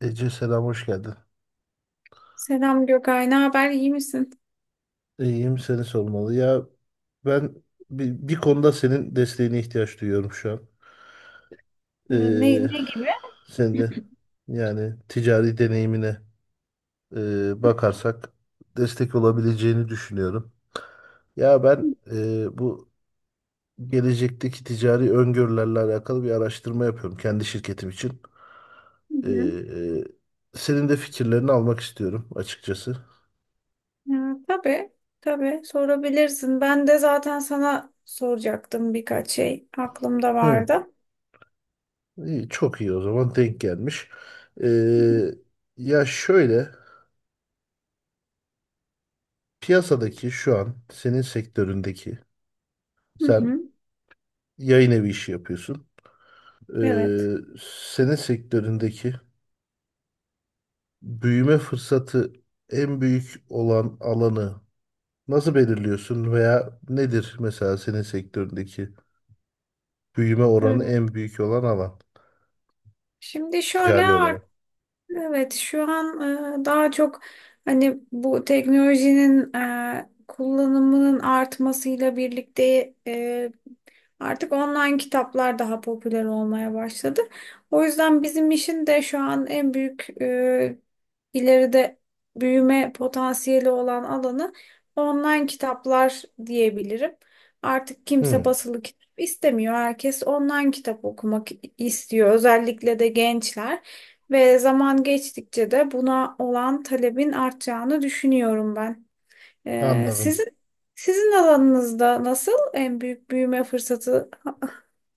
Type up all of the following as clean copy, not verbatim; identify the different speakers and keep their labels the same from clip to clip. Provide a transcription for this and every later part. Speaker 1: Ece selam hoş geldin.
Speaker 2: Selam Gökay, ne haber? İyi misin?
Speaker 1: İyiyim seni sormalı. Ya ben bir konuda senin desteğine ihtiyaç duyuyorum şu an.
Speaker 2: Ee,
Speaker 1: Ee,
Speaker 2: Ne, ne gibi?
Speaker 1: Senin de yani ticari deneyimine bakarsak destek olabileceğini düşünüyorum. Ya ben bu gelecekteki ticari öngörülerle alakalı bir araştırma yapıyorum kendi şirketim için.
Speaker 2: Hı hı.
Speaker 1: Ee, Senin de fikirlerini almak istiyorum açıkçası.
Speaker 2: Ya, tabii, tabii sorabilirsin. Ben de zaten sana soracaktım birkaç şey aklımda
Speaker 1: Hı.
Speaker 2: vardı.
Speaker 1: İyi, çok iyi o zaman denk gelmiş.
Speaker 2: Hı hı.
Speaker 1: Ee, Ya şöyle piyasadaki şu an senin sektöründeki
Speaker 2: Hı
Speaker 1: sen
Speaker 2: hı.
Speaker 1: yayın evi işi yapıyorsun.
Speaker 2: Evet.
Speaker 1: Ee, Senin sektöründeki büyüme fırsatı en büyük olan alanı nasıl belirliyorsun veya nedir mesela senin sektöründeki büyüme oranı
Speaker 2: Ee,
Speaker 1: en büyük olan alan
Speaker 2: Şimdi şöyle.
Speaker 1: ticari olarak?
Speaker 2: Evet, şu an daha çok hani bu teknolojinin kullanımının artmasıyla birlikte artık online kitaplar daha popüler olmaya başladı. O yüzden bizim işin de şu an en büyük ileride büyüme potansiyeli olan alanı online kitaplar diyebilirim. Artık kimse
Speaker 1: Hı,
Speaker 2: basılı kitap istemiyor. Herkes online kitap okumak istiyor. Özellikle de gençler. Ve zaman geçtikçe de buna olan talebin artacağını düşünüyorum ben. Ee,
Speaker 1: anladım.
Speaker 2: sizin sizin alanınızda nasıl en büyük büyüme fırsatı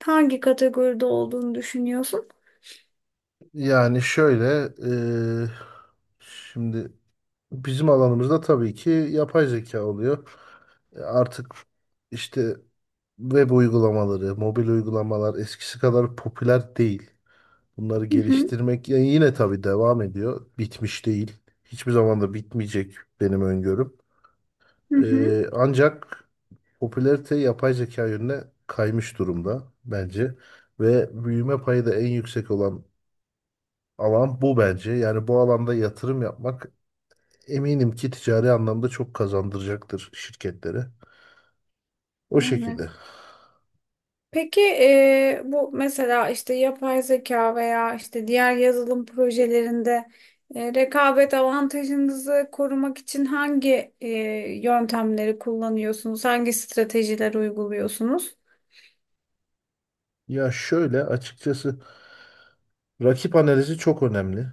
Speaker 2: hangi kategoride olduğunu düşünüyorsun?
Speaker 1: Yani şöyle ee, şimdi bizim alanımızda tabii ki yapay zeka oluyor. Artık işte web uygulamaları, mobil uygulamalar eskisi kadar popüler değil. Bunları
Speaker 2: Hı hı,
Speaker 1: geliştirmek yani yine tabii devam ediyor. Bitmiş değil. Hiçbir zaman da bitmeyecek benim öngörüm.
Speaker 2: hı hı.
Speaker 1: Ancak popülarite yapay zeka yönüne kaymış durumda bence. Ve büyüme payı da en yüksek olan alan bu bence. Yani bu alanda yatırım yapmak, eminim ki ticari anlamda çok kazandıracaktır şirketlere. O
Speaker 2: Evet.
Speaker 1: şekilde.
Speaker 2: Peki bu mesela işte yapay zeka veya işte diğer yazılım projelerinde rekabet avantajınızı korumak için hangi yöntemleri kullanıyorsunuz? Hangi stratejiler uyguluyorsunuz?
Speaker 1: Ya şöyle açıkçası rakip analizi çok önemli.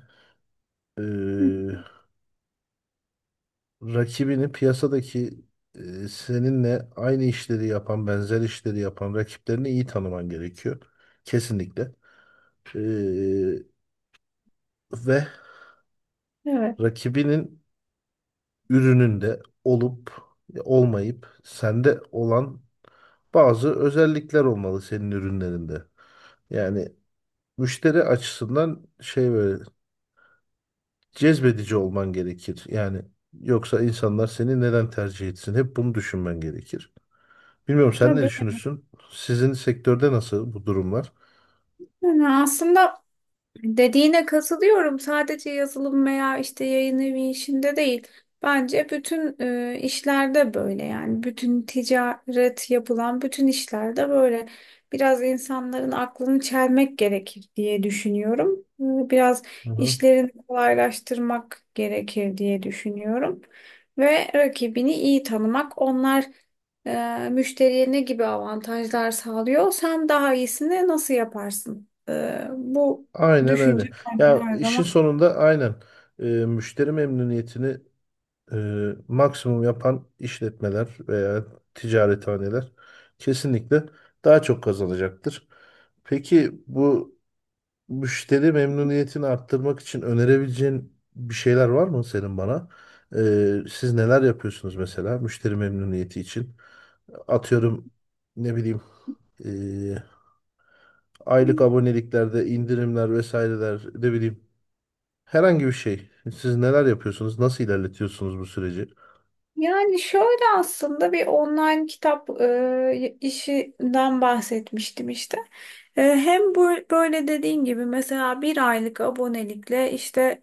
Speaker 2: Hı,
Speaker 1: Ee, Rakibini piyasadaki, seninle aynı işleri yapan, benzer işleri yapan rakiplerini iyi tanıman gerekiyor. Kesinlikle. Ee, Ve
Speaker 2: evet,
Speaker 1: rakibinin ürününde olup olmayıp sende olan bazı özellikler olmalı senin ürünlerinde. Yani müşteri açısından şey böyle cezbedici olman gerekir. Yani yoksa insanlar seni neden tercih etsin? Hep bunu düşünmen gerekir. Bilmiyorum sen ne
Speaker 2: tabii.
Speaker 1: düşünürsün? Sizin sektörde nasıl bu durumlar?
Speaker 2: Yani aslında dediğine katılıyorum. Sadece yazılım veya işte yayın evi işinde değil. Bence bütün işlerde böyle yani bütün ticaret yapılan bütün işlerde böyle biraz insanların aklını çelmek gerekir diye düşünüyorum. Biraz
Speaker 1: Hı hı.
Speaker 2: işlerini kolaylaştırmak gerekir diye düşünüyorum. Ve rakibini iyi tanımak onlar müşteriye ne gibi avantajlar sağlıyor? Sen daha iyisini nasıl yaparsın? E, bu
Speaker 1: Aynen öyle.
Speaker 2: Düşünce önemli
Speaker 1: Ya
Speaker 2: her
Speaker 1: işin
Speaker 2: zaman.
Speaker 1: sonunda aynen müşteri memnuniyetini e, maksimum yapan işletmeler veya ticarethaneler kesinlikle daha çok kazanacaktır. Peki bu müşteri memnuniyetini arttırmak için önerebileceğin bir şeyler var mı senin bana? Siz neler yapıyorsunuz mesela müşteri memnuniyeti için? Atıyorum ne bileyim, ee, aylık aboneliklerde indirimler vesaireler, ne bileyim, herhangi bir şey. Siz neler yapıyorsunuz? Nasıl ilerletiyorsunuz bu süreci?
Speaker 2: Yani şöyle aslında bir online kitap işinden bahsetmiştim işte. Hem bu, böyle dediğin gibi mesela bir aylık abonelikle işte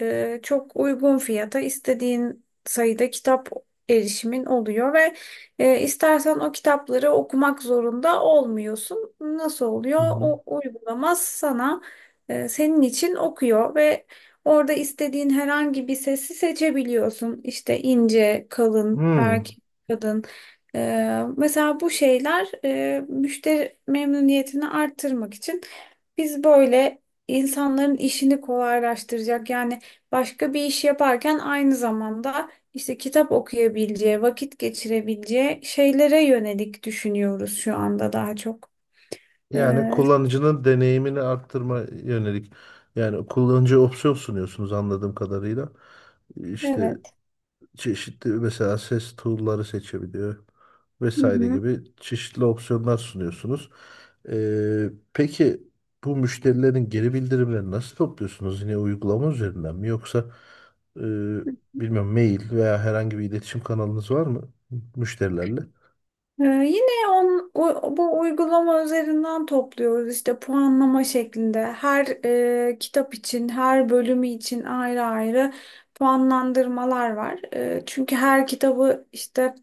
Speaker 2: çok uygun fiyata istediğin sayıda kitap erişimin oluyor ve istersen o kitapları okumak zorunda olmuyorsun. Nasıl oluyor?
Speaker 1: Hı hı.
Speaker 2: O uygulama sana senin için okuyor ve orada istediğin herhangi bir sesi seçebiliyorsun. İşte ince, kalın,
Speaker 1: Hmm.
Speaker 2: erkek, kadın. Mesela bu şeyler müşteri memnuniyetini arttırmak için biz böyle insanların işini kolaylaştıracak yani başka bir iş yaparken aynı zamanda işte kitap okuyabileceği, vakit geçirebileceği şeylere yönelik düşünüyoruz şu anda daha çok.
Speaker 1: Yani
Speaker 2: Ee,
Speaker 1: kullanıcının deneyimini arttırma yönelik. Yani kullanıcıya opsiyon sunuyorsunuz anladığım kadarıyla. İşte
Speaker 2: evet.
Speaker 1: çeşitli mesela ses tool'ları seçebiliyor
Speaker 2: Hı
Speaker 1: vesaire
Speaker 2: hı.
Speaker 1: gibi çeşitli opsiyonlar sunuyorsunuz. Peki bu müşterilerin geri bildirimlerini nasıl topluyorsunuz? Yine uygulama üzerinden mi yoksa e, bilmiyorum mail veya herhangi bir iletişim kanalınız var mı müşterilerle?
Speaker 2: Yine bu uygulama üzerinden topluyoruz işte puanlama şeklinde. Her kitap için, her bölümü için ayrı ayrı puanlandırmalar var. Çünkü her kitabı işte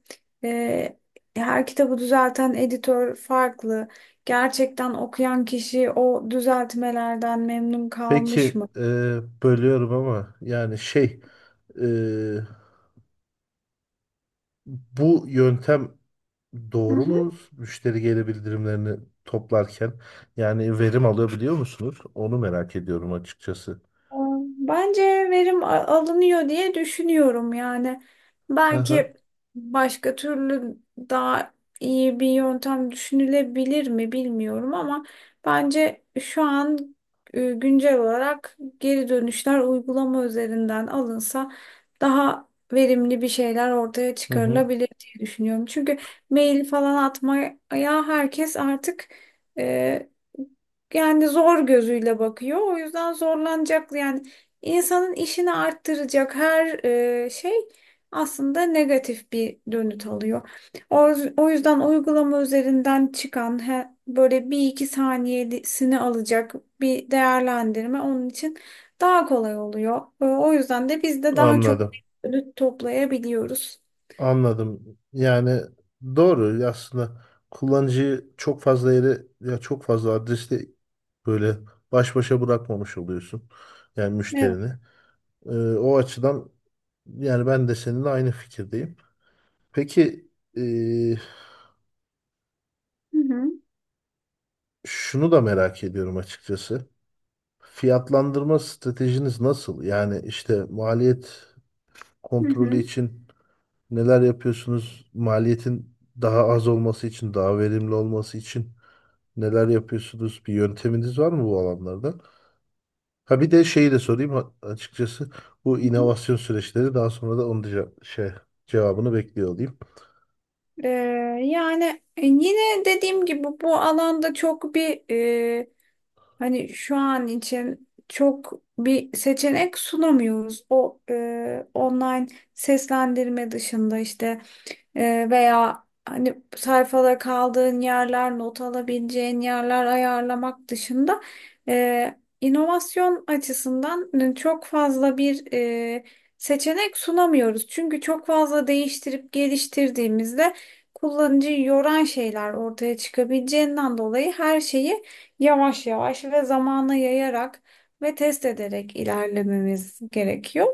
Speaker 2: e, her kitabı düzelten editör farklı. Gerçekten okuyan kişi o düzeltmelerden memnun kalmış
Speaker 1: Peki
Speaker 2: mı?
Speaker 1: bölüyorum ama yani şey, e, bu yöntem doğru mu? Müşteri geri bildirimlerini toplarken yani verim alabiliyor musunuz? Onu merak ediyorum açıkçası.
Speaker 2: Bence verim alınıyor diye düşünüyorum yani.
Speaker 1: Hı hı.
Speaker 2: Belki başka türlü daha iyi bir yöntem düşünülebilir mi bilmiyorum ama bence şu an güncel olarak geri dönüşler uygulama üzerinden alınsa daha verimli bir şeyler ortaya
Speaker 1: Hı hı.
Speaker 2: çıkarılabilir diye düşünüyorum. Çünkü mail falan atmaya herkes artık e, yani zor gözüyle bakıyor. O yüzden zorlanacak yani insanın işini arttıracak her şey aslında negatif bir dönüt alıyor. O yüzden uygulama üzerinden çıkan böyle bir iki saniyesini alacak bir değerlendirme onun için daha kolay oluyor. O yüzden de biz de daha çok
Speaker 1: Anladım.
Speaker 2: dönüt toplayabiliyoruz.
Speaker 1: Anladım. Yani doğru aslında, kullanıcıyı çok fazla yere ya çok fazla adreste böyle baş başa bırakmamış oluyorsun. Yani
Speaker 2: Evet.
Speaker 1: müşterini. Ee, O açıdan yani ben de seninle aynı fikirdeyim. Peki e,
Speaker 2: Hı hı.
Speaker 1: şunu da merak ediyorum açıkçası. Fiyatlandırma stratejiniz nasıl? Yani işte maliyet kontrolü
Speaker 2: Hı
Speaker 1: için neler yapıyorsunuz? Maliyetin daha az olması için, daha verimli olması için neler yapıyorsunuz? Bir yönteminiz var mı bu alanlarda? Ha bir de şeyi de sorayım açıkçası, bu
Speaker 2: hı.
Speaker 1: inovasyon süreçleri daha sonra da onun da şey cevabını bekliyor olayım.
Speaker 2: Ee, Yani yine dediğim gibi bu alanda çok bir e, hani şu an için çok bir seçenek sunamıyoruz. O online seslendirme dışında işte veya hani sayfada kaldığın yerler, not alabileceğin yerler ayarlamak dışında inovasyon açısından çok fazla bir seçenek sunamıyoruz. Çünkü çok fazla değiştirip geliştirdiğimizde kullanıcıyı yoran şeyler ortaya çıkabileceğinden dolayı her şeyi yavaş yavaş ve zamana yayarak ve test ederek ilerlememiz gerekiyor.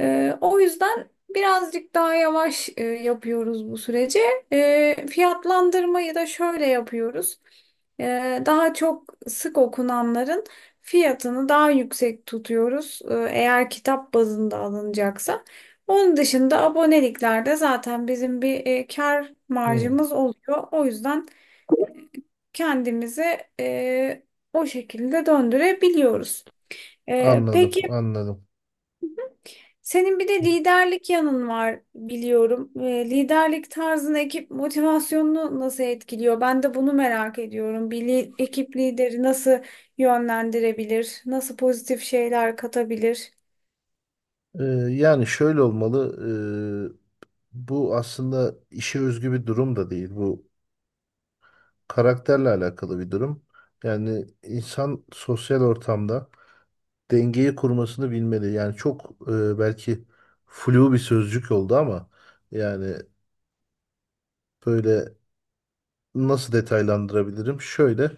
Speaker 2: O yüzden birazcık daha yavaş yapıyoruz bu süreci. Fiyatlandırmayı da şöyle yapıyoruz. Daha çok sık okunanların fiyatını daha yüksek tutuyoruz. Eğer kitap bazında alınacaksa. Onun dışında aboneliklerde zaten bizim bir kar
Speaker 1: Hmm,
Speaker 2: marjımız oluyor. O yüzden kendimizi e, o şekilde döndürebiliyoruz. E,
Speaker 1: anladım,
Speaker 2: peki
Speaker 1: anladım.
Speaker 2: senin bir de liderlik yanın var biliyorum. Liderlik tarzını ekip motivasyonunu nasıl etkiliyor? Ben de bunu merak ediyorum. Ekip lideri nasıl yönlendirebilir? Nasıl pozitif şeyler katabilir?
Speaker 1: Ee, Yani şöyle olmalı. e, Bu aslında işe özgü bir durum da değil. Bu karakterle alakalı bir durum. Yani insan sosyal ortamda dengeyi kurmasını bilmeli. Yani çok belki flu bir sözcük oldu ama yani böyle, nasıl detaylandırabilirim? Şöyle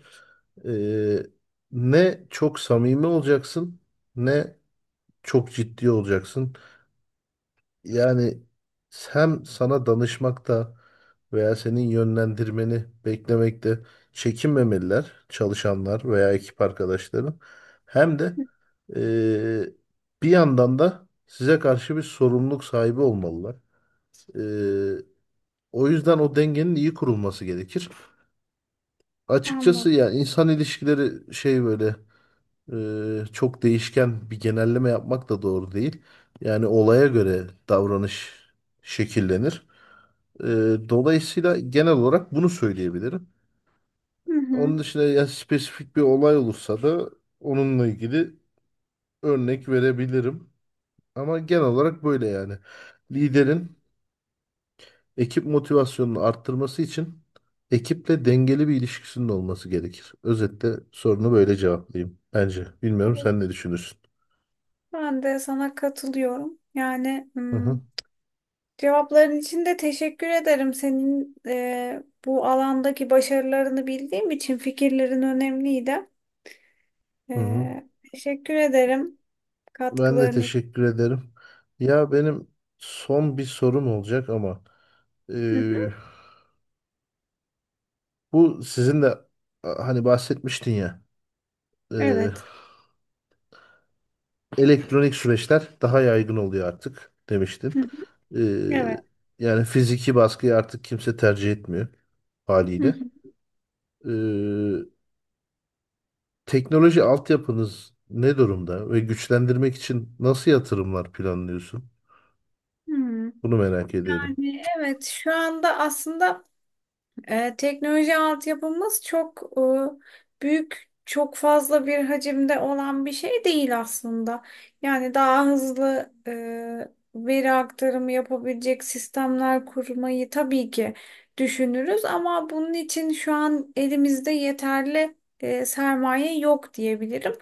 Speaker 1: e, ne çok samimi olacaksın ne çok ciddi olacaksın. Yani hem sana danışmakta veya senin yönlendirmeni beklemekte çekinmemeliler çalışanlar veya ekip arkadaşların. Hem de eee, bir yandan da size karşı bir sorumluluk sahibi olmalılar. Eee, O yüzden o dengenin iyi kurulması gerekir.
Speaker 2: Anladım.
Speaker 1: Açıkçası ya insan ilişkileri şey böyle, çok değişken, bir genelleme yapmak da doğru değil. Yani olaya göre davranış şekillenir. Dolayısıyla genel olarak bunu söyleyebilirim.
Speaker 2: Hı hı.
Speaker 1: Onun dışında ya spesifik bir olay olursa da onunla ilgili örnek verebilirim. Ama genel olarak böyle yani. Liderin ekip motivasyonunu arttırması için ekiple dengeli bir ilişkisinin olması gerekir. Özetle sorunu böyle cevaplayayım bence. Bilmiyorum
Speaker 2: Evet.
Speaker 1: sen ne düşünürsün?
Speaker 2: Ben de sana katılıyorum. Yani
Speaker 1: Hı hı,
Speaker 2: cevapların için de teşekkür ederim. Senin bu alandaki başarılarını bildiğim için fikirlerin önemliydi.
Speaker 1: hı hı.
Speaker 2: Teşekkür ederim
Speaker 1: Ben de
Speaker 2: katkıların için.
Speaker 1: teşekkür ederim. Ya benim son bir sorum olacak ama
Speaker 2: Hı hı,
Speaker 1: eee, bu sizin de hani bahsetmiştin ya, e,
Speaker 2: Evet.
Speaker 1: elektronik süreçler daha yaygın oluyor artık demiştin.
Speaker 2: Hı
Speaker 1: E,
Speaker 2: Evet.
Speaker 1: Yani fiziki baskıyı artık kimse tercih etmiyor haliyle.
Speaker 2: Hı.
Speaker 1: E, Teknoloji altyapınız ne durumda ve güçlendirmek için nasıl yatırımlar planlıyorsun?
Speaker 2: Hı hı.
Speaker 1: Bunu merak ediyorum.
Speaker 2: Yani evet şu anda aslında teknoloji altyapımız çok büyük, çok fazla bir hacimde olan bir şey değil aslında. Yani daha hızlı veri aktarımı yapabilecek sistemler kurmayı tabii ki düşünürüz ama bunun için şu an elimizde yeterli sermaye yok diyebilirim.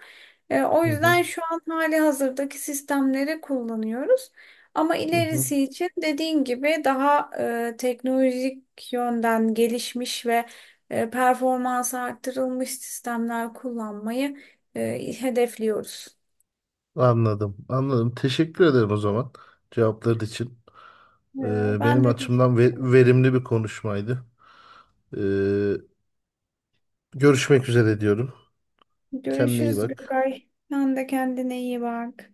Speaker 2: O
Speaker 1: Hı hı,
Speaker 2: yüzden şu an hali hazırdaki sistemleri kullanıyoruz. Ama
Speaker 1: hı hı.
Speaker 2: ilerisi için dediğin gibi daha teknolojik yönden gelişmiş ve performansı arttırılmış sistemler kullanmayı hedefliyoruz.
Speaker 1: Anladım, anladım. Teşekkür ederim o zaman cevapların için.
Speaker 2: E, Ben
Speaker 1: Benim
Speaker 2: de
Speaker 1: açımdan
Speaker 2: teşekkür.
Speaker 1: verimli bir konuşmaydı. E, Görüşmek üzere diyorum. Kendine iyi
Speaker 2: Görüşürüz
Speaker 1: bak.
Speaker 2: Gökay. Sen de kendine iyi bak.